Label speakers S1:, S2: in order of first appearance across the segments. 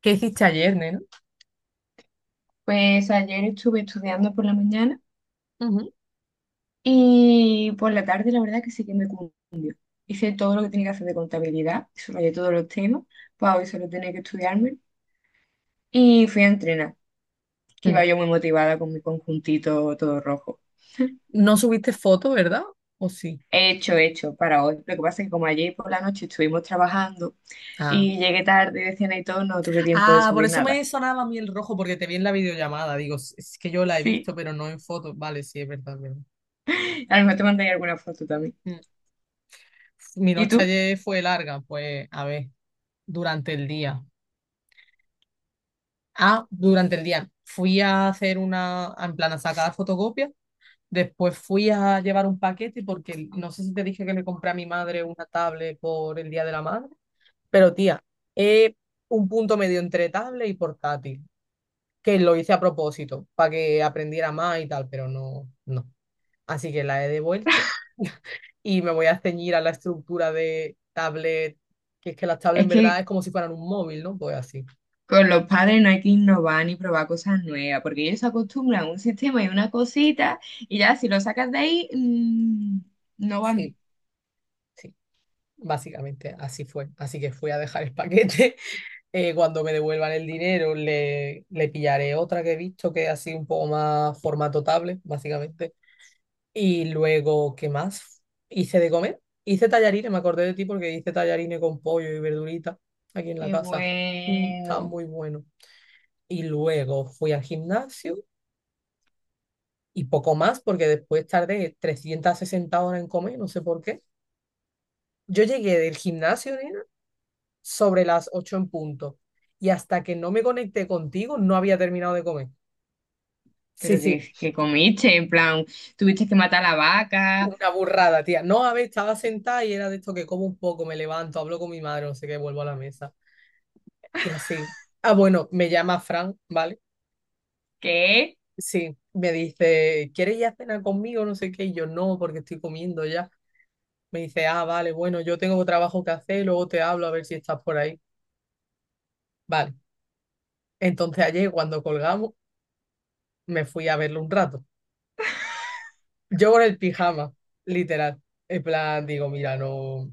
S1: ¿Qué hiciste ayer, nena?
S2: Pues ayer estuve estudiando por la mañana
S1: Ujú.
S2: y por la tarde la verdad que sí que hice todo lo que tenía que hacer de contabilidad, subrayé todos los temas, pues hoy solo tenía que estudiarme y fui a entrenar, que iba
S1: Mm.
S2: yo muy motivada con mi conjuntito todo rojo.
S1: No subiste foto, ¿verdad? ¿O sí?
S2: He hecho para hoy. Lo que pasa es que como ayer por la noche estuvimos trabajando
S1: Ah.
S2: y llegué tarde de cena y todo, no tuve tiempo de
S1: Ah, por
S2: subir
S1: eso me
S2: nada.
S1: sonaba a mí el rojo, porque te vi en la videollamada. Digo, "Es que yo la he
S2: Sí,
S1: visto, pero no en foto. Vale, sí, es verdad, es verdad.
S2: a lo mejor te mandaré alguna foto también.
S1: Mm. Mi
S2: ¿Y
S1: noche
S2: tú?
S1: ayer fue larga, pues, a ver, durante el día. Ah, durante el día. Fui a hacer una, en plan, a sacar fotocopias. Después fui a llevar un paquete porque no sé si te dije que le compré a mi madre una tablet por el Día de la Madre. Pero tía, eh, un punto medio entre tablet y portátil, que lo hice a propósito, para que aprendiera más y tal, pero no, no. Así que la he devuelto y me voy a ceñir a la estructura de tablet, que es que las tablets
S2: Es
S1: en verdad
S2: que
S1: es como si fueran un móvil, ¿no? Pues así.
S2: Con los padres no hay que innovar ni probar cosas nuevas, porque ellos se acostumbran a un sistema y una cosita, y ya si lo sacas de ahí, no van
S1: Sí.
S2: bien.
S1: Sí, básicamente así fue. Así que fui a dejar el paquete. Cuando me devuelvan el dinero, le pillaré otra que he visto que es así un poco más formato tablet, básicamente. Y luego, ¿qué más? Hice de comer. Hice tallarines, me acordé de ti porque hice tallarines con pollo y verdurita aquí en la
S2: Qué
S1: casa. Mm, estaba
S2: bueno.
S1: muy bueno. Y luego fui al gimnasio y poco más porque después tardé 360 horas en comer, no sé por qué. Yo llegué del gimnasio, nena, sobre las 8 en punto. Y hasta que no me conecté contigo, no había terminado de comer.
S2: Pero
S1: Sí,
S2: que,
S1: sí,
S2: que comiste, en plan, tuviste que matar a la vaca,
S1: una burrada, tía. No, a ver, estaba sentada y era de esto que como un poco, me levanto, hablo con mi madre, no sé qué, vuelvo a la mesa. Y así. Ah, bueno, me llama Fran, ¿vale?
S2: ¿qué?
S1: Sí, me dice, ¿quieres ir a cenar conmigo? No sé qué. Y yo no, porque estoy comiendo ya. Me dice, ah, vale, bueno, yo tengo trabajo que hacer, luego te hablo a ver si estás por ahí. Vale. Entonces ayer cuando colgamos, me fui a verlo un rato. Yo con el pijama, literal. En plan, digo, mira, no,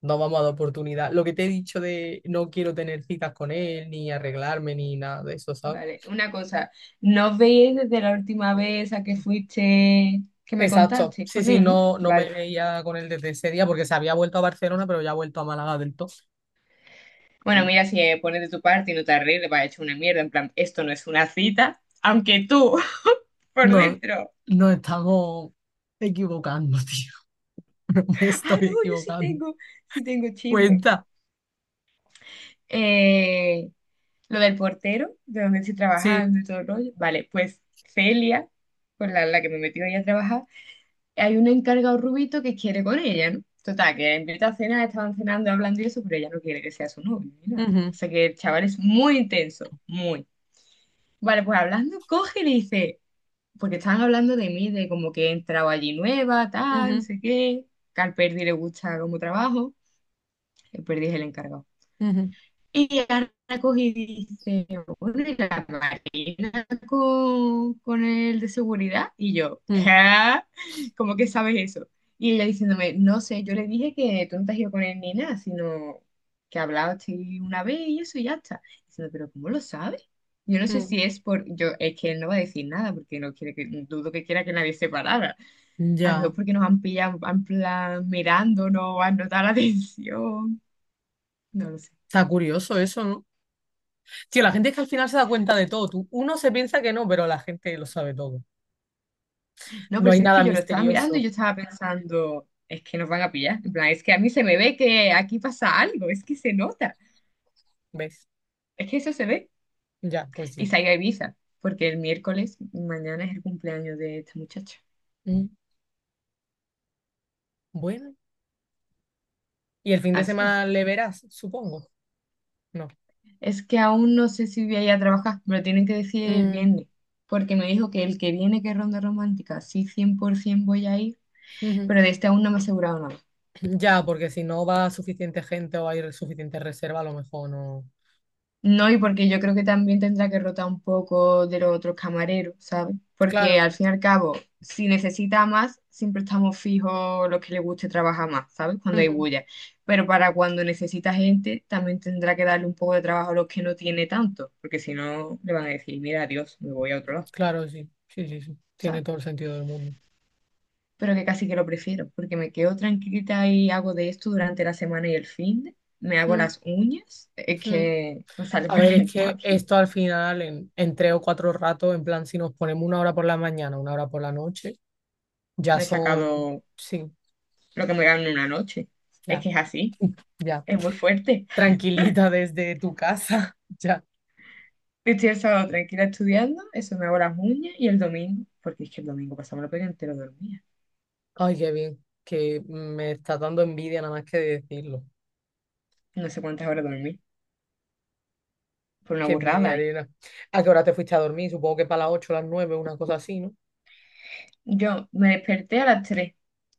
S1: no vamos a dar oportunidad. Lo que te he dicho de no quiero tener citas con él, ni arreglarme, ni nada de eso, ¿sabes?
S2: Vale, una cosa, ¿no os veis desde la última vez a que fuiste, que me
S1: Exacto.
S2: contaste
S1: Sí,
S2: con
S1: sí,
S2: él?
S1: no, no me
S2: Vale.
S1: veía con él desde ese día porque se había vuelto a Barcelona, pero ya ha vuelto a Málaga del todo.
S2: Bueno, mira, si pones de tu parte y no te arregles, vas a echar una mierda, en plan, esto no es una cita, aunque tú, por
S1: No,
S2: dentro.
S1: nos estamos equivocando, tío. No me
S2: Ah,
S1: estoy
S2: no,
S1: equivocando.
S2: sí tengo chisme.
S1: Cuenta.
S2: Eh, lo del portero, de donde estoy
S1: Sí.
S2: trabajando y todo el rollo. Vale, pues Celia, con la que me metió ella a trabajar, hay un encargado rubito que quiere con ella, ¿no? Total, que la invita a cenar, estaban cenando, hablando y eso, pero ella no quiere que sea su novio ni nada.
S1: Ujú,
S2: O sea que el chaval es muy intenso, muy. Vale, pues hablando, coge y le dice, porque estaban hablando de mí, de como que he entrado allí nueva, tal, no
S1: ujú,
S2: sé qué, que al Perdi le gusta como trabajo, el Perdi es el encargado.
S1: ujú,
S2: Y Ana cogí y dice, "Oye, la Marina con el de seguridad". Y yo,
S1: mm,
S2: ¿qué? ¿Cómo que sabes eso? Y ella diciéndome, no sé, yo le dije que tú no te has ido con él ni nada, sino que hablaste una vez y eso y ya está. Diciendo, pero ¿cómo lo sabes? Yo no sé
S1: mm.
S2: si es por, yo, es que él no va a decir nada porque no quiere que, dudo que quiera que nadie se parara. A lo mejor
S1: Ya.
S2: porque nos han pillado en plan mirándonos, han notado la atención. No lo sé.
S1: Está curioso eso, ¿no? Tío, la gente es que al final se da cuenta de todo. Tú, uno se piensa que no, pero la gente lo sabe todo.
S2: No,
S1: No
S2: pero
S1: hay
S2: si es
S1: nada
S2: que yo lo estaba mirando y
S1: misterioso.
S2: yo estaba pensando, es que nos van a pillar. En plan, es que a mí se me ve que aquí pasa algo, es que se nota,
S1: ¿Ves?
S2: es que eso se ve.
S1: Ya, pues
S2: Y
S1: sí.
S2: salí a Ibiza, porque el miércoles, mañana es el cumpleaños de esta muchacha.
S1: Mm. Bueno. Y el fin de
S2: Así es.
S1: semana le verás, supongo. No.
S2: Es que aún no sé si voy a ir a trabajar, me lo tienen que decir el
S1: Mm,
S2: viernes, porque me dijo que el que viene, que es ronda romántica, sí, 100% voy a ir,
S1: ujú.
S2: pero de este aún no me he asegurado nada.
S1: Ya, porque si no va suficiente gente o hay suficiente reserva, a lo mejor no.
S2: No, y porque yo creo que también tendrá que rotar un poco de los otros camareros, ¿sabes? Porque
S1: Claro.
S2: al fin y al cabo, si necesita más, siempre estamos fijos los que le guste trabajar más, ¿sabes? Cuando hay
S1: Ujú.
S2: bulla. Pero para cuando necesita gente, también tendrá que darle un poco de trabajo a los que no tiene tanto, porque si no, le van a decir, mira, adiós, me voy a otro lado,
S1: Claro, sí. Sí, sí, sí. Tiene
S2: ¿sabes?
S1: todo el sentido del mundo.
S2: Pero que casi que lo prefiero, porque me quedo tranquilita y hago de esto durante la semana y el fin de, me hago
S1: Mm,
S2: las uñas, es
S1: mm.
S2: que me sale
S1: A ver,
S2: más
S1: es que
S2: rentable.
S1: esto al final, en tres o cuatro ratos, en plan, si nos ponemos una hora por la mañana, una hora por la noche, ya
S2: Me he
S1: son,
S2: sacado
S1: sí,
S2: lo que me gano en una noche. Es
S1: ya,
S2: que es así,
S1: ya,
S2: es muy fuerte.
S1: tranquilita desde tu casa, ya.
S2: Estoy el sábado tranquila estudiando, eso me hago las uñas y el domingo, porque es que el domingo pasaba la pega entero dormía.
S1: Ay, qué bien, que me está dando envidia nada más que de decirlo.
S2: No sé cuántas horas dormí, fue una
S1: Qué envidia,
S2: burrada, ¿eh?
S1: Ariana. ¿A qué hora te fuiste a dormir? Supongo que para las ocho, las nueve, una cosa así, ¿no?
S2: Yo me desperté a las 3,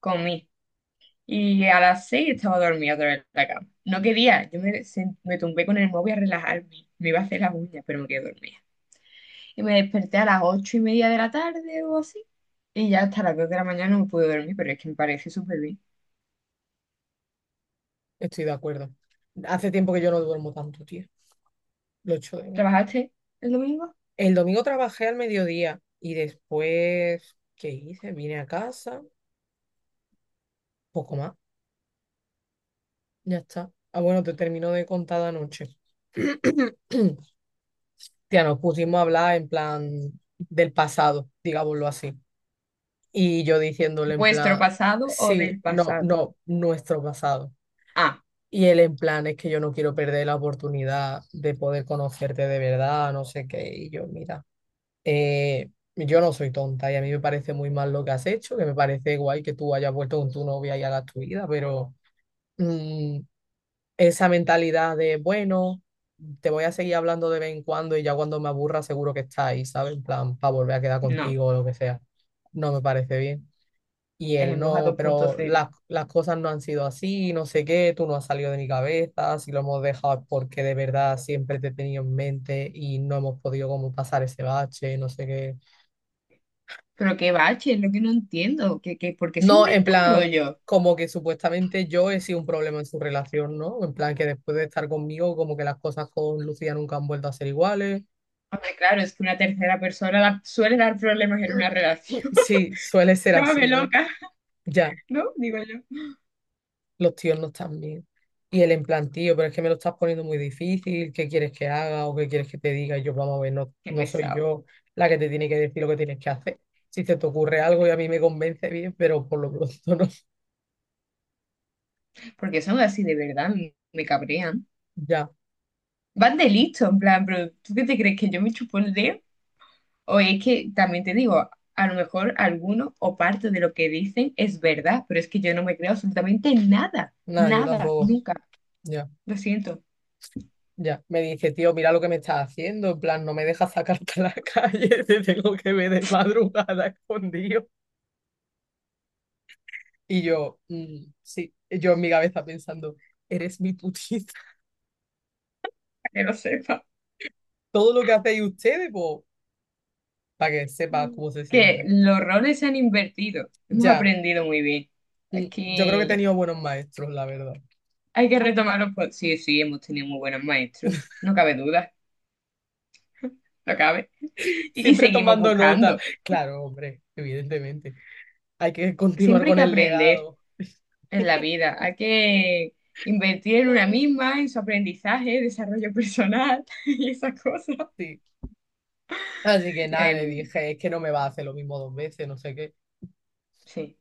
S2: comí, y a las 6 estaba dormida otra vez en la cama. No quería, me tumbé con el móvil a relajarme, me iba a hacer las uñas, pero me quedé dormida. Y me desperté a las 8:30 de la tarde o así, y ya hasta las 2 de la mañana no me pude dormir, pero es que me parece súper bien.
S1: Estoy de acuerdo. Hace tiempo que yo no duermo tanto, tío. Lo echo de menos.
S2: ¿Trabajaste el domingo?
S1: El domingo trabajé al mediodía y después, ¿qué hice? Vine a casa, poco más, ya está. Ah, bueno, te termino de contar la noche. Tía, nos pusimos a hablar en plan del pasado, digámoslo así. Y yo diciéndole en
S2: ¿Vuestro
S1: plan,
S2: pasado o
S1: sí,
S2: del
S1: no,
S2: pasado?
S1: no, nuestro pasado.
S2: Ah,
S1: Y él en plan, es que yo no quiero perder la oportunidad de poder conocerte de verdad, no sé qué. Y yo, mira, eh, yo no soy tonta y a mí me parece muy mal lo que has hecho, que me parece guay que tú hayas vuelto con tu novia y hagas tu vida, pero mm, esa mentalidad de, bueno, te voy a seguir hablando de vez en cuando y ya cuando me aburra seguro que está ahí, ¿sabes? En plan, para volver a quedar
S2: no,
S1: contigo o lo que sea. No me parece bien. Y
S2: es
S1: él
S2: el Moja
S1: no,
S2: dos punto
S1: pero
S2: cero.
S1: las cosas no han sido así, no sé qué, tú no has salido de mi cabeza, si lo hemos dejado es porque de verdad siempre te he tenido en mente y no hemos podido como pasar ese bache, no sé qué.
S2: Pero qué bache, es lo que no entiendo. Por qué se
S1: No, en
S2: inventan
S1: plan,
S2: rollos?
S1: como que supuestamente yo he sido un problema en su relación, ¿no? En plan que después de estar conmigo, como que las cosas con Lucía nunca han vuelto a ser iguales.
S2: Hombre, claro, es que una tercera persona suele dar problemas en una relación.
S1: Sí, suele ser
S2: Llámame
S1: así, ¿no?
S2: loca,
S1: Ya.
S2: ¿no? Digo yo.
S1: Los tíos no están bien. Y él en plan, tío, pero es que me lo estás poniendo muy difícil, ¿qué quieres que haga o qué quieres que te diga? Y yo, vamos a ver, no,
S2: Qué
S1: no soy
S2: pesado.
S1: yo la que te tiene que decir lo que tienes que hacer. Si se te ocurre algo y a mí me convence bien, pero por lo pronto no.
S2: Porque son así de verdad, me cabrean.
S1: Ya,
S2: Van de listo, en plan, pero ¿tú qué te crees que yo me chupo el dedo? O es que también te digo, a lo mejor alguno o parte de lo que dicen es verdad, pero es que yo no me creo absolutamente nada,
S1: nada, yo
S2: nada,
S1: tampoco.
S2: nunca.
S1: Ya,
S2: Lo siento,
S1: ya. Me dice, tío, mira lo que me estás haciendo. En plan, no me dejas sacarte a la calle, te tengo que ver de madrugada escondido. Y yo, mm, sí, yo en mi cabeza pensando, eres mi putita.
S2: para que lo sepa.
S1: Todo lo que hacéis ustedes, pues, para que sepas cómo se
S2: Que
S1: siente.
S2: los roles se han invertido. Hemos
S1: Ya,
S2: aprendido muy bien.
S1: mm, yo creo que he
S2: Aquí
S1: tenido buenos maestros, la verdad.
S2: hay que retomar sí, sí, hemos tenido muy buenos maestros. No cabe duda, no cabe. Y
S1: Siempre
S2: seguimos
S1: tomando nota.
S2: buscando.
S1: Claro, hombre, evidentemente. Hay que continuar
S2: Siempre hay
S1: con
S2: que
S1: el
S2: aprender
S1: legado.
S2: en la vida. Hay que invertir en una misma, en su aprendizaje, desarrollo personal y esas cosas.
S1: Sí. Así que nada, le
S2: En-
S1: dije, es que no me va a hacer lo mismo dos veces, no sé qué.
S2: sí,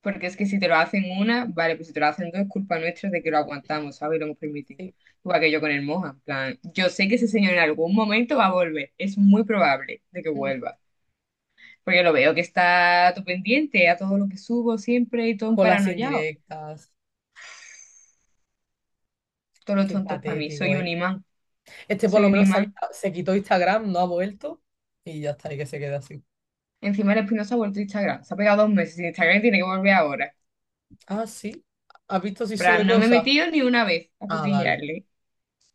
S2: porque es que si te lo hacen una, vale, pues si te lo hacen dos, es culpa nuestra de que lo aguantamos, ¿sabes? Y lo hemos permitido.
S1: Sí.
S2: Igual que yo con el Moja, en plan, yo sé que ese señor en algún momento va a volver, es muy probable de que
S1: Mm.
S2: vuelva, porque lo veo que está todo pendiente a todo lo que subo siempre y todo un
S1: Con las
S2: paranoiao,
S1: indirectas.
S2: todos los
S1: Qué
S2: tontos para mí,
S1: patético,
S2: soy un
S1: ¿eh?
S2: imán,
S1: Este por
S2: soy
S1: lo
S2: un
S1: menos se, ha
S2: imán.
S1: quitado- se quitó Instagram, no ha vuelto. Y ya está, y que se quede así.
S2: Encima el Espinosa ha vuelto a Instagram. Se ha pegado 2 meses sin Instagram y tiene que volver ahora.
S1: Ah, sí. ¿Has visto si
S2: Pero
S1: sube
S2: no me he
S1: cosas?
S2: metido ni una vez a
S1: Ah, vale.
S2: cotillearle.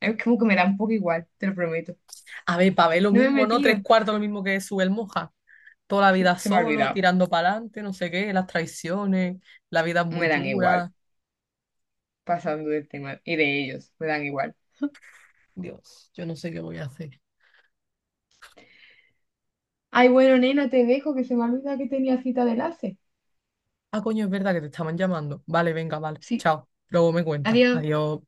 S2: Es como que me da un poco igual, te lo prometo.
S1: A ver, Pavel lo
S2: No me he
S1: mismo, ¿no? Tres
S2: metido.
S1: cuartos lo mismo que sube el Moja. Toda la
S2: Sí,
S1: vida
S2: se me ha
S1: solo,
S2: olvidado.
S1: tirando para adelante, no sé qué, las traiciones, la vida es muy
S2: Me dan igual.
S1: dura.
S2: Pasando del tema y de ellos, me dan igual.
S1: Dios, yo no sé qué voy a hacer.
S2: Ay, bueno, nena, te dejo que se me ha olvidado que tenía cita de enlace.
S1: Ah, coño, es verdad que te estaban llamando. Vale, venga, vale.
S2: Sí,
S1: Chao. Luego me cuentas.
S2: adiós.
S1: Adiós.